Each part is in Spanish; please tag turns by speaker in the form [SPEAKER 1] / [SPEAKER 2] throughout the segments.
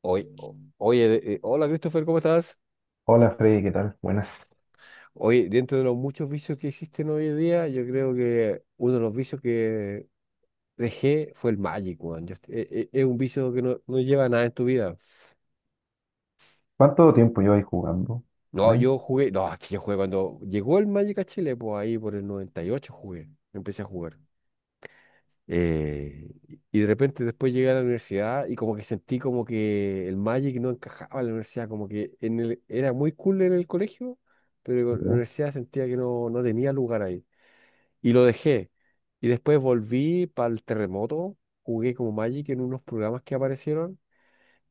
[SPEAKER 1] Oye, hola Christopher, ¿cómo estás?
[SPEAKER 2] Hola Freddy, ¿qué tal? Buenas.
[SPEAKER 1] Oye, dentro de los muchos vicios que existen hoy en día, yo creo que uno de los vicios que dejé fue el Magic, weón. Es un vicio que no lleva a nada en tu vida.
[SPEAKER 2] ¿Cuánto tiempo llevas jugando?
[SPEAKER 1] No,
[SPEAKER 2] ¿May?
[SPEAKER 1] yo jugué, no, es que yo jugué cuando llegó el Magic a Chile, pues ahí por el 98 jugué, empecé a jugar. Eh, y de repente después llegué a la universidad y como que sentí como que el Magic no encajaba en la universidad, como que en era muy cool en el colegio, pero en la
[SPEAKER 2] ¿Ya?
[SPEAKER 1] universidad sentía que no tenía lugar ahí. Y lo dejé. Y después volví para el terremoto, jugué como Magic en unos programas que aparecieron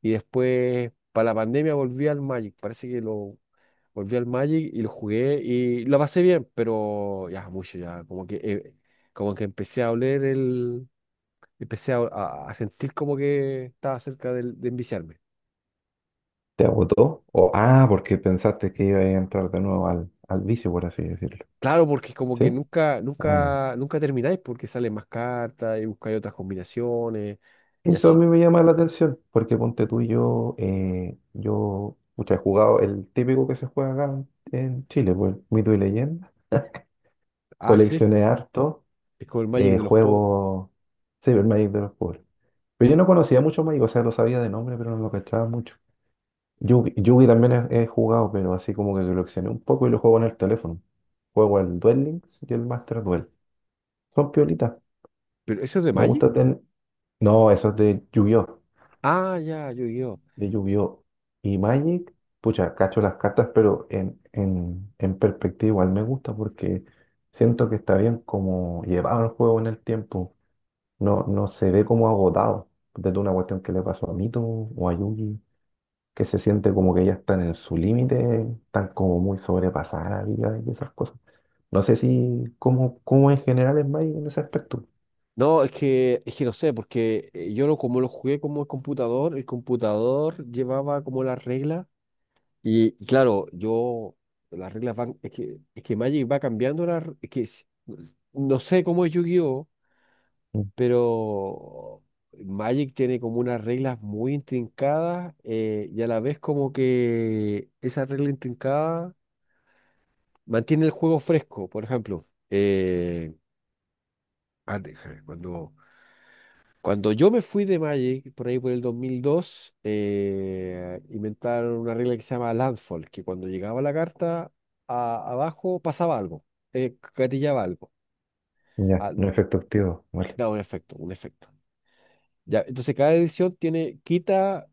[SPEAKER 1] y después para la pandemia volví al Magic. Parece que lo volví al Magic y lo jugué y lo pasé bien, pero ya mucho, ya como que, como que empecé a oler empecé a sentir como que estaba cerca de, enviciarme.
[SPEAKER 2] ¿Te agotó? O, ah, porque pensaste que iba a entrar de nuevo al vicio, por así decirlo.
[SPEAKER 1] Claro, porque como que
[SPEAKER 2] ¿Sí?
[SPEAKER 1] nunca,
[SPEAKER 2] Ah, ya.
[SPEAKER 1] nunca, nunca termináis porque salen más cartas y buscáis otras combinaciones y
[SPEAKER 2] Eso a
[SPEAKER 1] así.
[SPEAKER 2] mí me llama la atención, porque ponte tú y yo, yo pucha, he jugado el típico que se juega acá en Chile, pues, Mito y Leyenda.
[SPEAKER 1] Ah, sí,
[SPEAKER 2] Coleccioné harto,
[SPEAKER 1] es como el Magic de los pobres.
[SPEAKER 2] juego Cyber Magic de los pobres. Pero yo no conocía mucho Magic, o sea, lo sabía de nombre, pero no lo cachaba mucho. Yugi, Yugi también he jugado, pero así como que lo accioné un poco y lo juego en el teléfono. Juego el Duel Links y el Master Duel. Son piolitas.
[SPEAKER 1] ¿Pero eso es de
[SPEAKER 2] Me
[SPEAKER 1] Magic?
[SPEAKER 2] gusta tener. No, eso es de Yu-Gi-Oh!
[SPEAKER 1] Ah, ya, yo.
[SPEAKER 2] De Yu-Gi-Oh! Y Magic, pucha, cacho las cartas, pero en perspectiva igual me gusta porque siento que está bien como llevado el juego en el tiempo. No, no se ve como agotado. Desde una cuestión que le pasó a Mito o a Yugi, que se siente como que ya están en su límite, están como muy sobrepasadas la vida y esas cosas. No sé si, cómo, cómo en general es Magic en ese aspecto.
[SPEAKER 1] No, es que no sé, porque yo lo, como lo jugué como el computador llevaba como las reglas y claro, yo, las reglas van, es que Magic va cambiando las, es que es- no sé cómo es yu,
[SPEAKER 2] Mm.
[SPEAKER 1] pero Magic tiene como unas reglas muy intrincadas y a la vez como que esa regla intrincada mantiene el juego fresco. Por ejemplo, eh, déjame, cuando yo me fui de Magic, por ahí por el 2002, inventaron una regla que se llama Landfall, que cuando llegaba la carta abajo pasaba algo, gatillaba algo.
[SPEAKER 2] Ya,
[SPEAKER 1] Ah,
[SPEAKER 2] no
[SPEAKER 1] de-
[SPEAKER 2] efecto activo. Vale.
[SPEAKER 1] Daba un efecto, un efecto. Ya, entonces cada edición tiene, quita,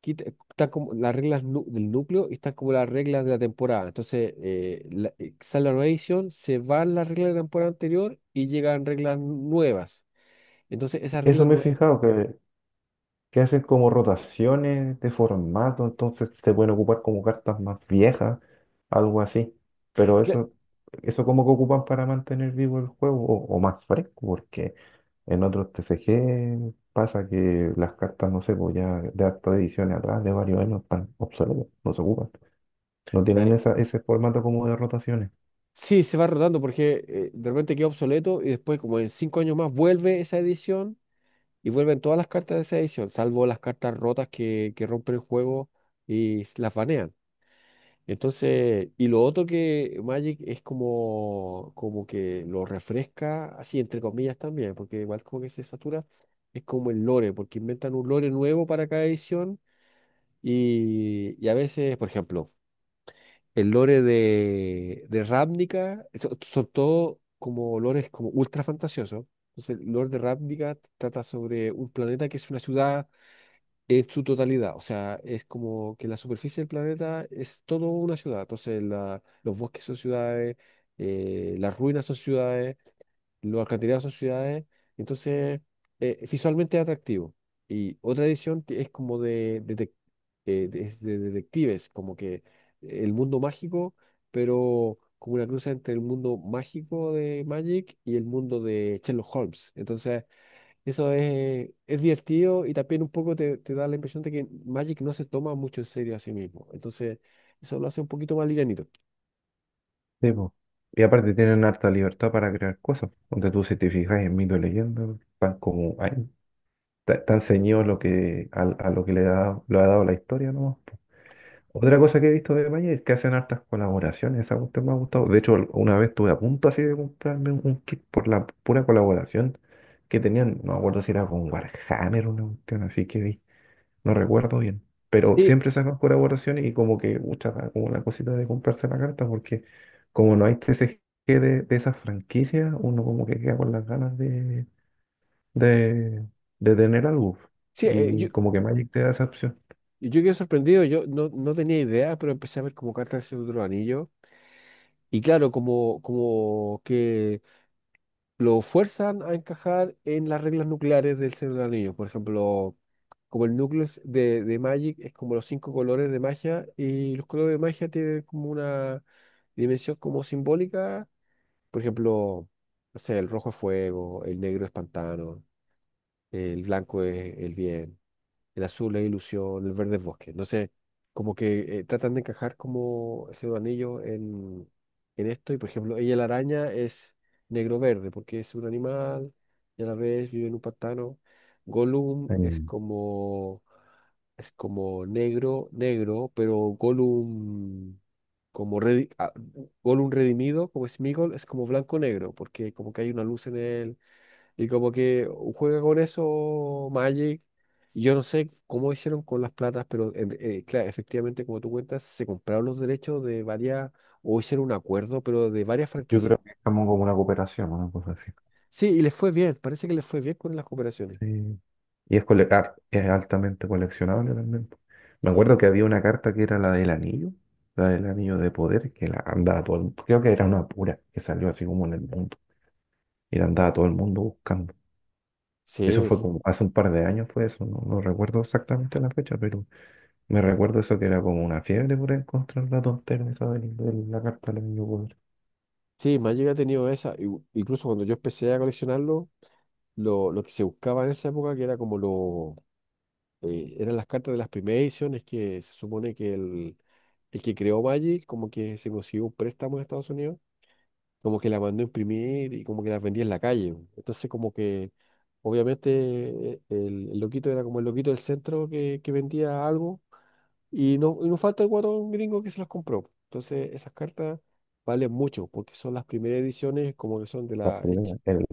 [SPEAKER 1] quita, están como las reglas del núcleo y están como las reglas de la temporada. Entonces, sale la nueva edición, se van las reglas de la temporada anterior y llegan reglas nuevas. Entonces, esas
[SPEAKER 2] Eso
[SPEAKER 1] reglas
[SPEAKER 2] me he
[SPEAKER 1] nuevas,
[SPEAKER 2] fijado, que hacen como rotaciones de formato, entonces se pueden ocupar como cartas más viejas, algo así. Pero
[SPEAKER 1] cla-
[SPEAKER 2] eso como que ocupan para mantener vivo el juego o más fresco, porque en otros TCG pasa que las cartas, no sé, pues ya de hartas ediciones atrás, de varios años, están obsoletas, no se ocupan. No tienen
[SPEAKER 1] eh,
[SPEAKER 2] esa, ese formato como de rotaciones.
[SPEAKER 1] sí, se va rotando porque de repente queda obsoleto y después, como en cinco años más, vuelve esa edición y vuelven todas las cartas de esa edición, salvo las cartas rotas que rompen el juego y las banean. Entonces, y lo otro que Magic es como que lo refresca, así entre comillas también, porque igual como que se satura, es como el lore, porque inventan un lore nuevo para cada edición y a veces, por ejemplo, el lore de Ravnica, son todos como lores como ultra fantasiosos. Entonces, el lore de Ravnica trata sobre un planeta que es una ciudad en su totalidad, o sea, es como que la superficie del planeta es todo una ciudad, entonces los bosques son ciudades, las ruinas son ciudades, los alcantarillados son ciudades, entonces visualmente es atractivo. Y otra edición que es como de, es de detectives, como que el mundo mágico, pero como una cruz entre el mundo mágico de Magic y el mundo de Sherlock Holmes. Entonces eso es divertido y también un poco te, te da la impresión de que Magic no se toma mucho en serio a sí mismo. Entonces, eso lo hace un poquito más livianito.
[SPEAKER 2] Sí, po. Y aparte tienen harta libertad para crear cosas. Donde tú, si te fijas en Mito y Leyenda, están como ahí. Tan ceñido lo que, a lo que le da, lo ha dado la historia, ¿no? Otra cosa que he visto de Maya es que hacen hartas colaboraciones, esa cuestión me ha gustado. De hecho, una vez estuve a punto así de comprarme un kit por la pura colaboración que tenían, no me acuerdo si era con Warhammer o una cuestión así que vi, no recuerdo bien. Pero
[SPEAKER 1] Sí,
[SPEAKER 2] siempre sacan colaboraciones y como que, mucha como una cosita de comprarse la carta porque como no hay TCG de esas franquicias, uno como que queda con las ganas de, de tener algo.
[SPEAKER 1] sí,
[SPEAKER 2] Y como que Magic te da esa opción.
[SPEAKER 1] yo quedé sorprendido, yo no, no tenía idea, pero empecé a ver como cartas del otro anillo. Y claro, como que lo fuerzan a encajar en las reglas nucleares del Señor de los Anillos. Por ejemplo, como el núcleo es de Magic es como los cinco colores de magia y los colores de magia tienen como una dimensión como simbólica. Por ejemplo, no sé, el rojo es fuego, el negro es pantano, el blanco es el bien, el azul es ilusión, el verde es bosque. No sé, como que tratan de encajar como ese anillo en esto. Y por ejemplo, ella la araña es negro-verde porque es un animal y a la vez vive en un pantano. Gollum
[SPEAKER 2] Eh.
[SPEAKER 1] es como negro, negro, pero Gollum como redi- ah, Gollum redimido, como Sméagol, es como blanco-negro porque como que hay una luz en él y como que juega con eso Magic. Yo no sé cómo hicieron con las platas, pero claro, efectivamente, como tú cuentas, se compraron los derechos de varias, o hicieron un acuerdo, pero de varias
[SPEAKER 2] Yo creo
[SPEAKER 1] franquicias.
[SPEAKER 2] que estamos como como una cooperación, una cosa así.
[SPEAKER 1] Sí, y les fue bien, parece que les fue bien con las cooperaciones.
[SPEAKER 2] Sí. Y es, cole- ar- es altamente coleccionable también. Me acuerdo que había una carta que era la del anillo de poder, que la andaba todo el mundo. Creo que era una pura que salió así como en el mundo. Y la andaba todo el mundo buscando. Eso
[SPEAKER 1] Sí,
[SPEAKER 2] fue como hace un par de años fue eso, no, no recuerdo exactamente la fecha, pero me recuerdo eso que era como una fiebre por encontrar la tontera esa de la carta del anillo.
[SPEAKER 1] sí, Magic ha tenido esa. Incluso cuando yo empecé a coleccionarlo, lo que se buscaba en esa época, que era como eran las cartas de las primeras ediciones que se supone que el que creó Magic como que se consiguió un préstamo en Estados Unidos, como que la mandó a imprimir y como que las vendía en la calle. Entonces como que obviamente el loquito era como el loquito del centro que vendía algo y no falta el guatón gringo que se las compró. Entonces esas cartas valen mucho porque son las primeras ediciones como que son de
[SPEAKER 2] La
[SPEAKER 1] la...
[SPEAKER 2] primera, el-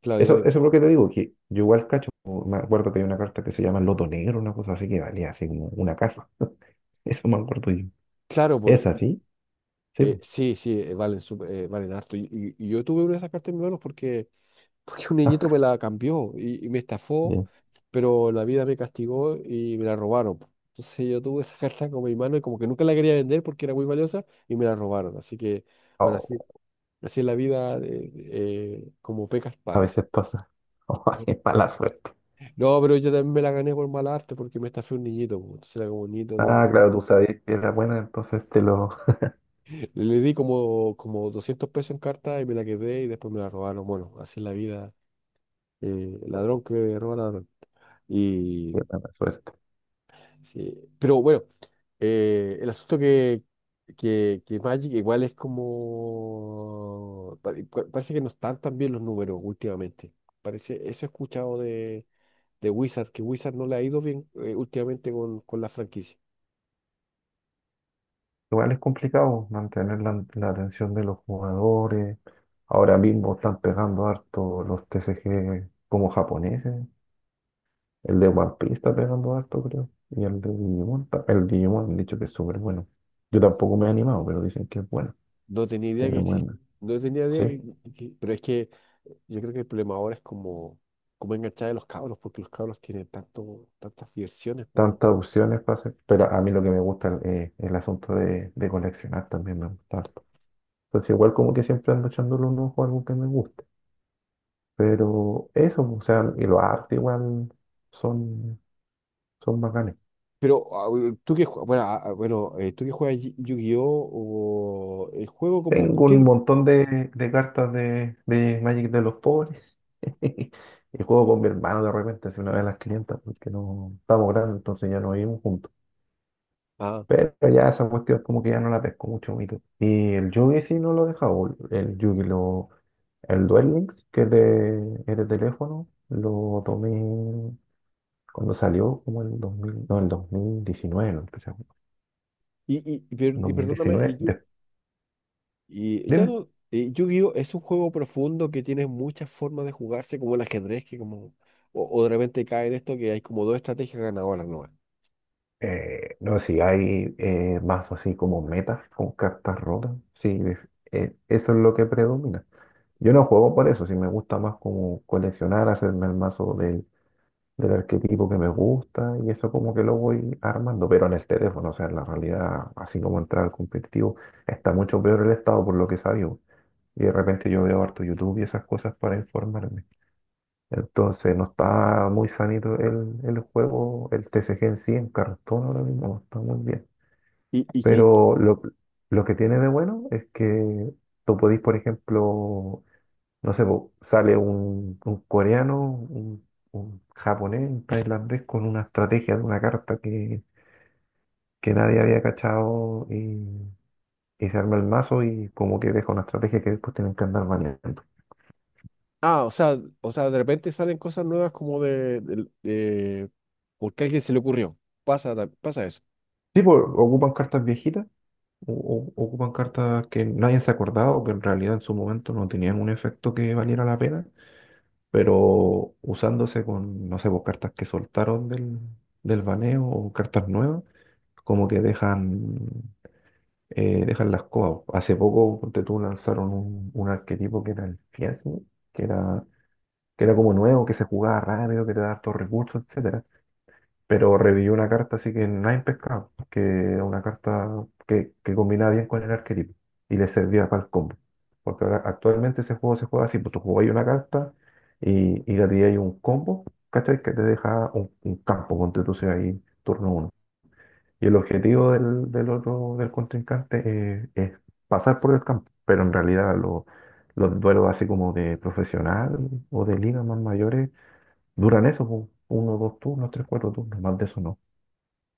[SPEAKER 1] Claro, y
[SPEAKER 2] Eso,
[SPEAKER 1] vale-
[SPEAKER 2] eso es lo que te digo, que yo igual cacho, me acuerdo que hay una carta que se llama Loto Negro, una cosa así que valía así como una casa. Eso me acuerdo yo.
[SPEAKER 1] claro,
[SPEAKER 2] ¿Es así? Sí, po.
[SPEAKER 1] Valen harto. Y yo tuve una de esas cartas en mis manos porque, porque un niñito me la cambió y me estafó,
[SPEAKER 2] Bien.
[SPEAKER 1] pero la vida me castigó y me la robaron. Entonces yo tuve esa carta como mi mano y como que nunca la quería vender porque era muy valiosa y me la robaron. Así que, bueno,
[SPEAKER 2] Oh,
[SPEAKER 1] así es la vida, como pecas
[SPEAKER 2] a
[SPEAKER 1] pagas.
[SPEAKER 2] veces pasa. Oh, es mala suerte.
[SPEAKER 1] No, pero yo también me la gané por mal arte porque me estafé un niñito, po. Entonces era como un niñito de...
[SPEAKER 2] Ah, claro, tú sabías que era buena, entonces te lo...
[SPEAKER 1] Le di como $200 en carta y me la quedé y después me la robaron. Bueno, así es la vida. Eh, ladrón que roba ladrón.
[SPEAKER 2] Qué
[SPEAKER 1] Y,
[SPEAKER 2] mala suerte.
[SPEAKER 1] sí, pero bueno, el asunto que Magic igual es como... Parece que no están tan bien los números últimamente. Parece, eso he escuchado de Wizard, que Wizard no le ha ido bien últimamente con la franquicia.
[SPEAKER 2] Igual es complicado mantener la atención de los jugadores. Ahora mismo están pegando harto los TCG como japoneses. El de One Piece está pegando harto, creo. Y el de Digimon, el Digimon han dicho que es súper bueno. Yo tampoco me he animado, pero dicen que es bueno.
[SPEAKER 1] No tenía idea
[SPEAKER 2] Tiene
[SPEAKER 1] que existía.
[SPEAKER 2] buena.
[SPEAKER 1] No tenía
[SPEAKER 2] Sí,
[SPEAKER 1] idea pero es que yo creo que el problema ahora es como, como enganchar a los cabros, porque los cabros tienen tantas diversiones.
[SPEAKER 2] tantas opciones para hacer. Pero a mí lo que me gusta es el asunto de coleccionar también me gusta harto. Entonces igual como que siempre ando echándole un ojo a algo que me guste. Pero eso, o sea, y los arte igual son, son bacanes.
[SPEAKER 1] Pero tú que bueno, tú que juegas Yu-Gi-Oh o el juego como ¿por
[SPEAKER 2] Tengo un
[SPEAKER 1] qué?
[SPEAKER 2] montón de cartas de Magic de los pobres. Y juego con mi hermano de repente, hace una vez a las 500, porque no estamos grandes, entonces ya no vivimos juntos.
[SPEAKER 1] Ah,
[SPEAKER 2] Pero ya esa cuestión como que ya no la pesco mucho, Mito. Y el Yugi sí no lo he dejado. El Yugi, lo, el Duel Links, que es de teléfono, lo tomé cuando salió, como en el 2000, no, el 2019, lo empecé a jugar.
[SPEAKER 1] perdóname,
[SPEAKER 2] 2019, de-
[SPEAKER 1] Y ya
[SPEAKER 2] dime.
[SPEAKER 1] no, Yu-Gi-Oh es un juego profundo que tiene muchas formas de jugarse como el ajedrez que como, o de repente cae en esto que hay como dos estrategias ganadoras nuevas.
[SPEAKER 2] No, sé si hay mazos así como metas con cartas rotas, sí, eso es lo que predomina. Yo no juego por eso, si me gusta más como coleccionar, hacerme el mazo del, del arquetipo que me gusta y eso como que lo voy armando, pero en el teléfono, o sea, en la realidad, así como entrar al competitivo, está mucho peor el estado por lo que sabio. Y de repente yo veo harto YouTube y esas cosas para informarme. Entonces no está muy sanito el juego, el TCG en sí, en cartón ahora mismo, no está muy bien.
[SPEAKER 1] Y qué,
[SPEAKER 2] Pero lo que tiene de bueno es que tú podís, por ejemplo, no sé, po, sale un coreano, un japonés, un tailandés con una estrategia de una carta que nadie había cachado y se arma el mazo y como que deja una estrategia que después tienen que andar manejando.
[SPEAKER 1] ah, o sea, de repente salen cosas nuevas como porque a alguien se le ocurrió. Pasa, pasa eso.
[SPEAKER 2] Sí, pues ocupan cartas viejitas, o- o- ocupan cartas que nadie se ha acordado, que en realidad en su momento no tenían un efecto que valiera la pena, pero usándose con, no sé, pues, cartas que soltaron del, del baneo o cartas nuevas, como que dejan, dejan las cosas. Hace poco, ponte tú, lanzaron un arquetipo que era el Fiasmi, que era, que era como nuevo, que se jugaba rápido, que te da hartos recursos, etcétera, pero revivió una carta así que nadie pescado, que era una carta que combinaba bien con el arquetipo y le servía para el combo. Porque ahora actualmente ese juego se juega así, pues tú jugáis una carta y la tiráis un combo, ¿cachai? Que te deja un campo, ponte tú sea ahí turno uno. Y el objetivo del, del otro, del contrincante es pasar por el campo, pero en realidad lo- los duelos así como de profesional o de ligas más mayores duran eso, pues, uno, dos turnos, tres, cuatro turnos, más de eso no.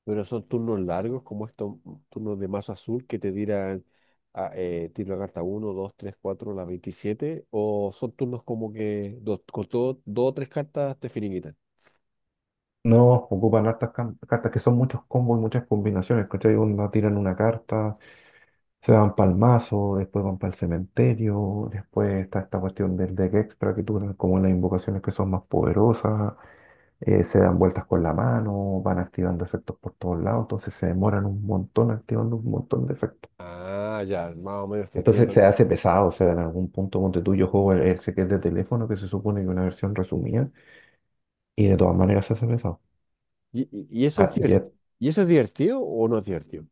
[SPEAKER 1] Pero son turnos largos, como estos turnos de más azul que te tiran a, tiro la carta uno 2 3 4 la 27 o son turnos como que dos, con todo, dos o tres cartas te finiquitan.
[SPEAKER 2] No, ocupan hartas cam- cartas que son muchos combos y muchas combinaciones, ¿cachai? Onda, tiran una carta, se van para el mazo, después van para el cementerio, después está esta cuestión del deck extra que duran como las invocaciones que son más poderosas, se dan vueltas con la mano, van activando efectos por todos lados, entonces se demoran un montón activando un montón de efectos.
[SPEAKER 1] Ah, ya, más o menos te
[SPEAKER 2] Entonces
[SPEAKER 1] entiendo.
[SPEAKER 2] se hace pesado, o sea, en algún punto ponte tú, yo juego el que es de teléfono, que se supone que es una versión resumida, y de todas maneras se hace pesado.
[SPEAKER 1] Y eso
[SPEAKER 2] Ah,
[SPEAKER 1] es
[SPEAKER 2] y
[SPEAKER 1] divertido?
[SPEAKER 2] es
[SPEAKER 1] ¿Y eso es divertido o no es divertido?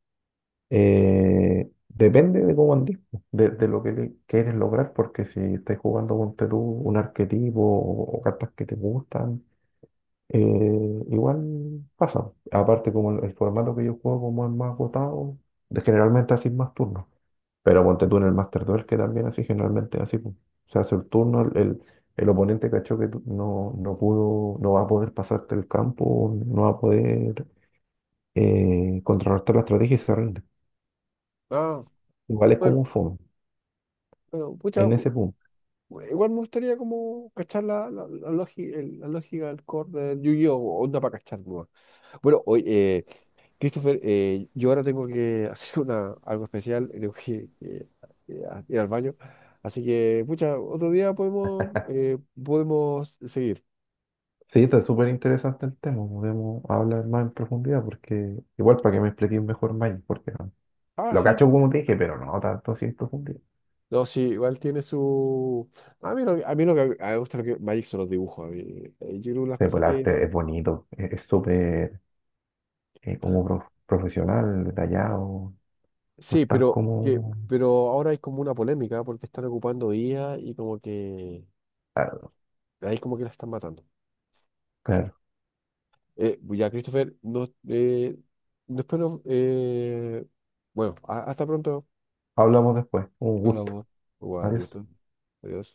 [SPEAKER 2] Depende de cómo andís, po, de lo que le- quieres lograr, porque si estás jugando con tú un arquetipo o cartas que te gustan, eh, igual pasa. Aparte, como el formato que yo juego, como es más agotado, de- generalmente así más turnos. Pero ponte tú en el Master Duel, que también así generalmente así, po. Se hace el turno, el oponente cachó que tú no, no pudo, no va a poder pasarte el campo, no va a poder contrarrestar la estrategia y se rinde.
[SPEAKER 1] Ah,
[SPEAKER 2] Igual es
[SPEAKER 1] bueno,
[SPEAKER 2] como un fome
[SPEAKER 1] bueno, pucha,
[SPEAKER 2] en ese punto.
[SPEAKER 1] igual me gustaría como cachar lógica, la lógica del core de Yu-Gi-Oh! Onda para cachar, ¿no? Bueno, hoy Christopher, yo ahora tengo que hacer algo especial, tengo que ir al baño. Así que, pucha, otro día podemos, podemos seguir.
[SPEAKER 2] Sí, está súper interesante el tema. Podemos hablar más en profundidad porque igual para que me expliques mejor más, porque no-
[SPEAKER 1] Ah,
[SPEAKER 2] lo
[SPEAKER 1] sí.
[SPEAKER 2] cacho como te dije, pero no tanto así en profundidad.
[SPEAKER 1] No, sí, igual tiene su... A mí, lo que a mí me gusta lo que Magic son los dibujos. A mí, yo creo que las
[SPEAKER 2] Sí, pues
[SPEAKER 1] cosas
[SPEAKER 2] el
[SPEAKER 1] que...
[SPEAKER 2] arte es bonito, es súper como prof- profesional, detallado, no es
[SPEAKER 1] Sí,
[SPEAKER 2] tan como...
[SPEAKER 1] pero ahora hay como una polémica porque están ocupando IA y como que...
[SPEAKER 2] Claro,
[SPEAKER 1] Ahí como que la están matando.
[SPEAKER 2] claro.
[SPEAKER 1] Pues ya, Christopher, después no bueno, hasta pronto.
[SPEAKER 2] Hablamos después. Un gusto.
[SPEAKER 1] Hablamos. Igual,
[SPEAKER 2] Adiós.
[SPEAKER 1] gusto. Adiós.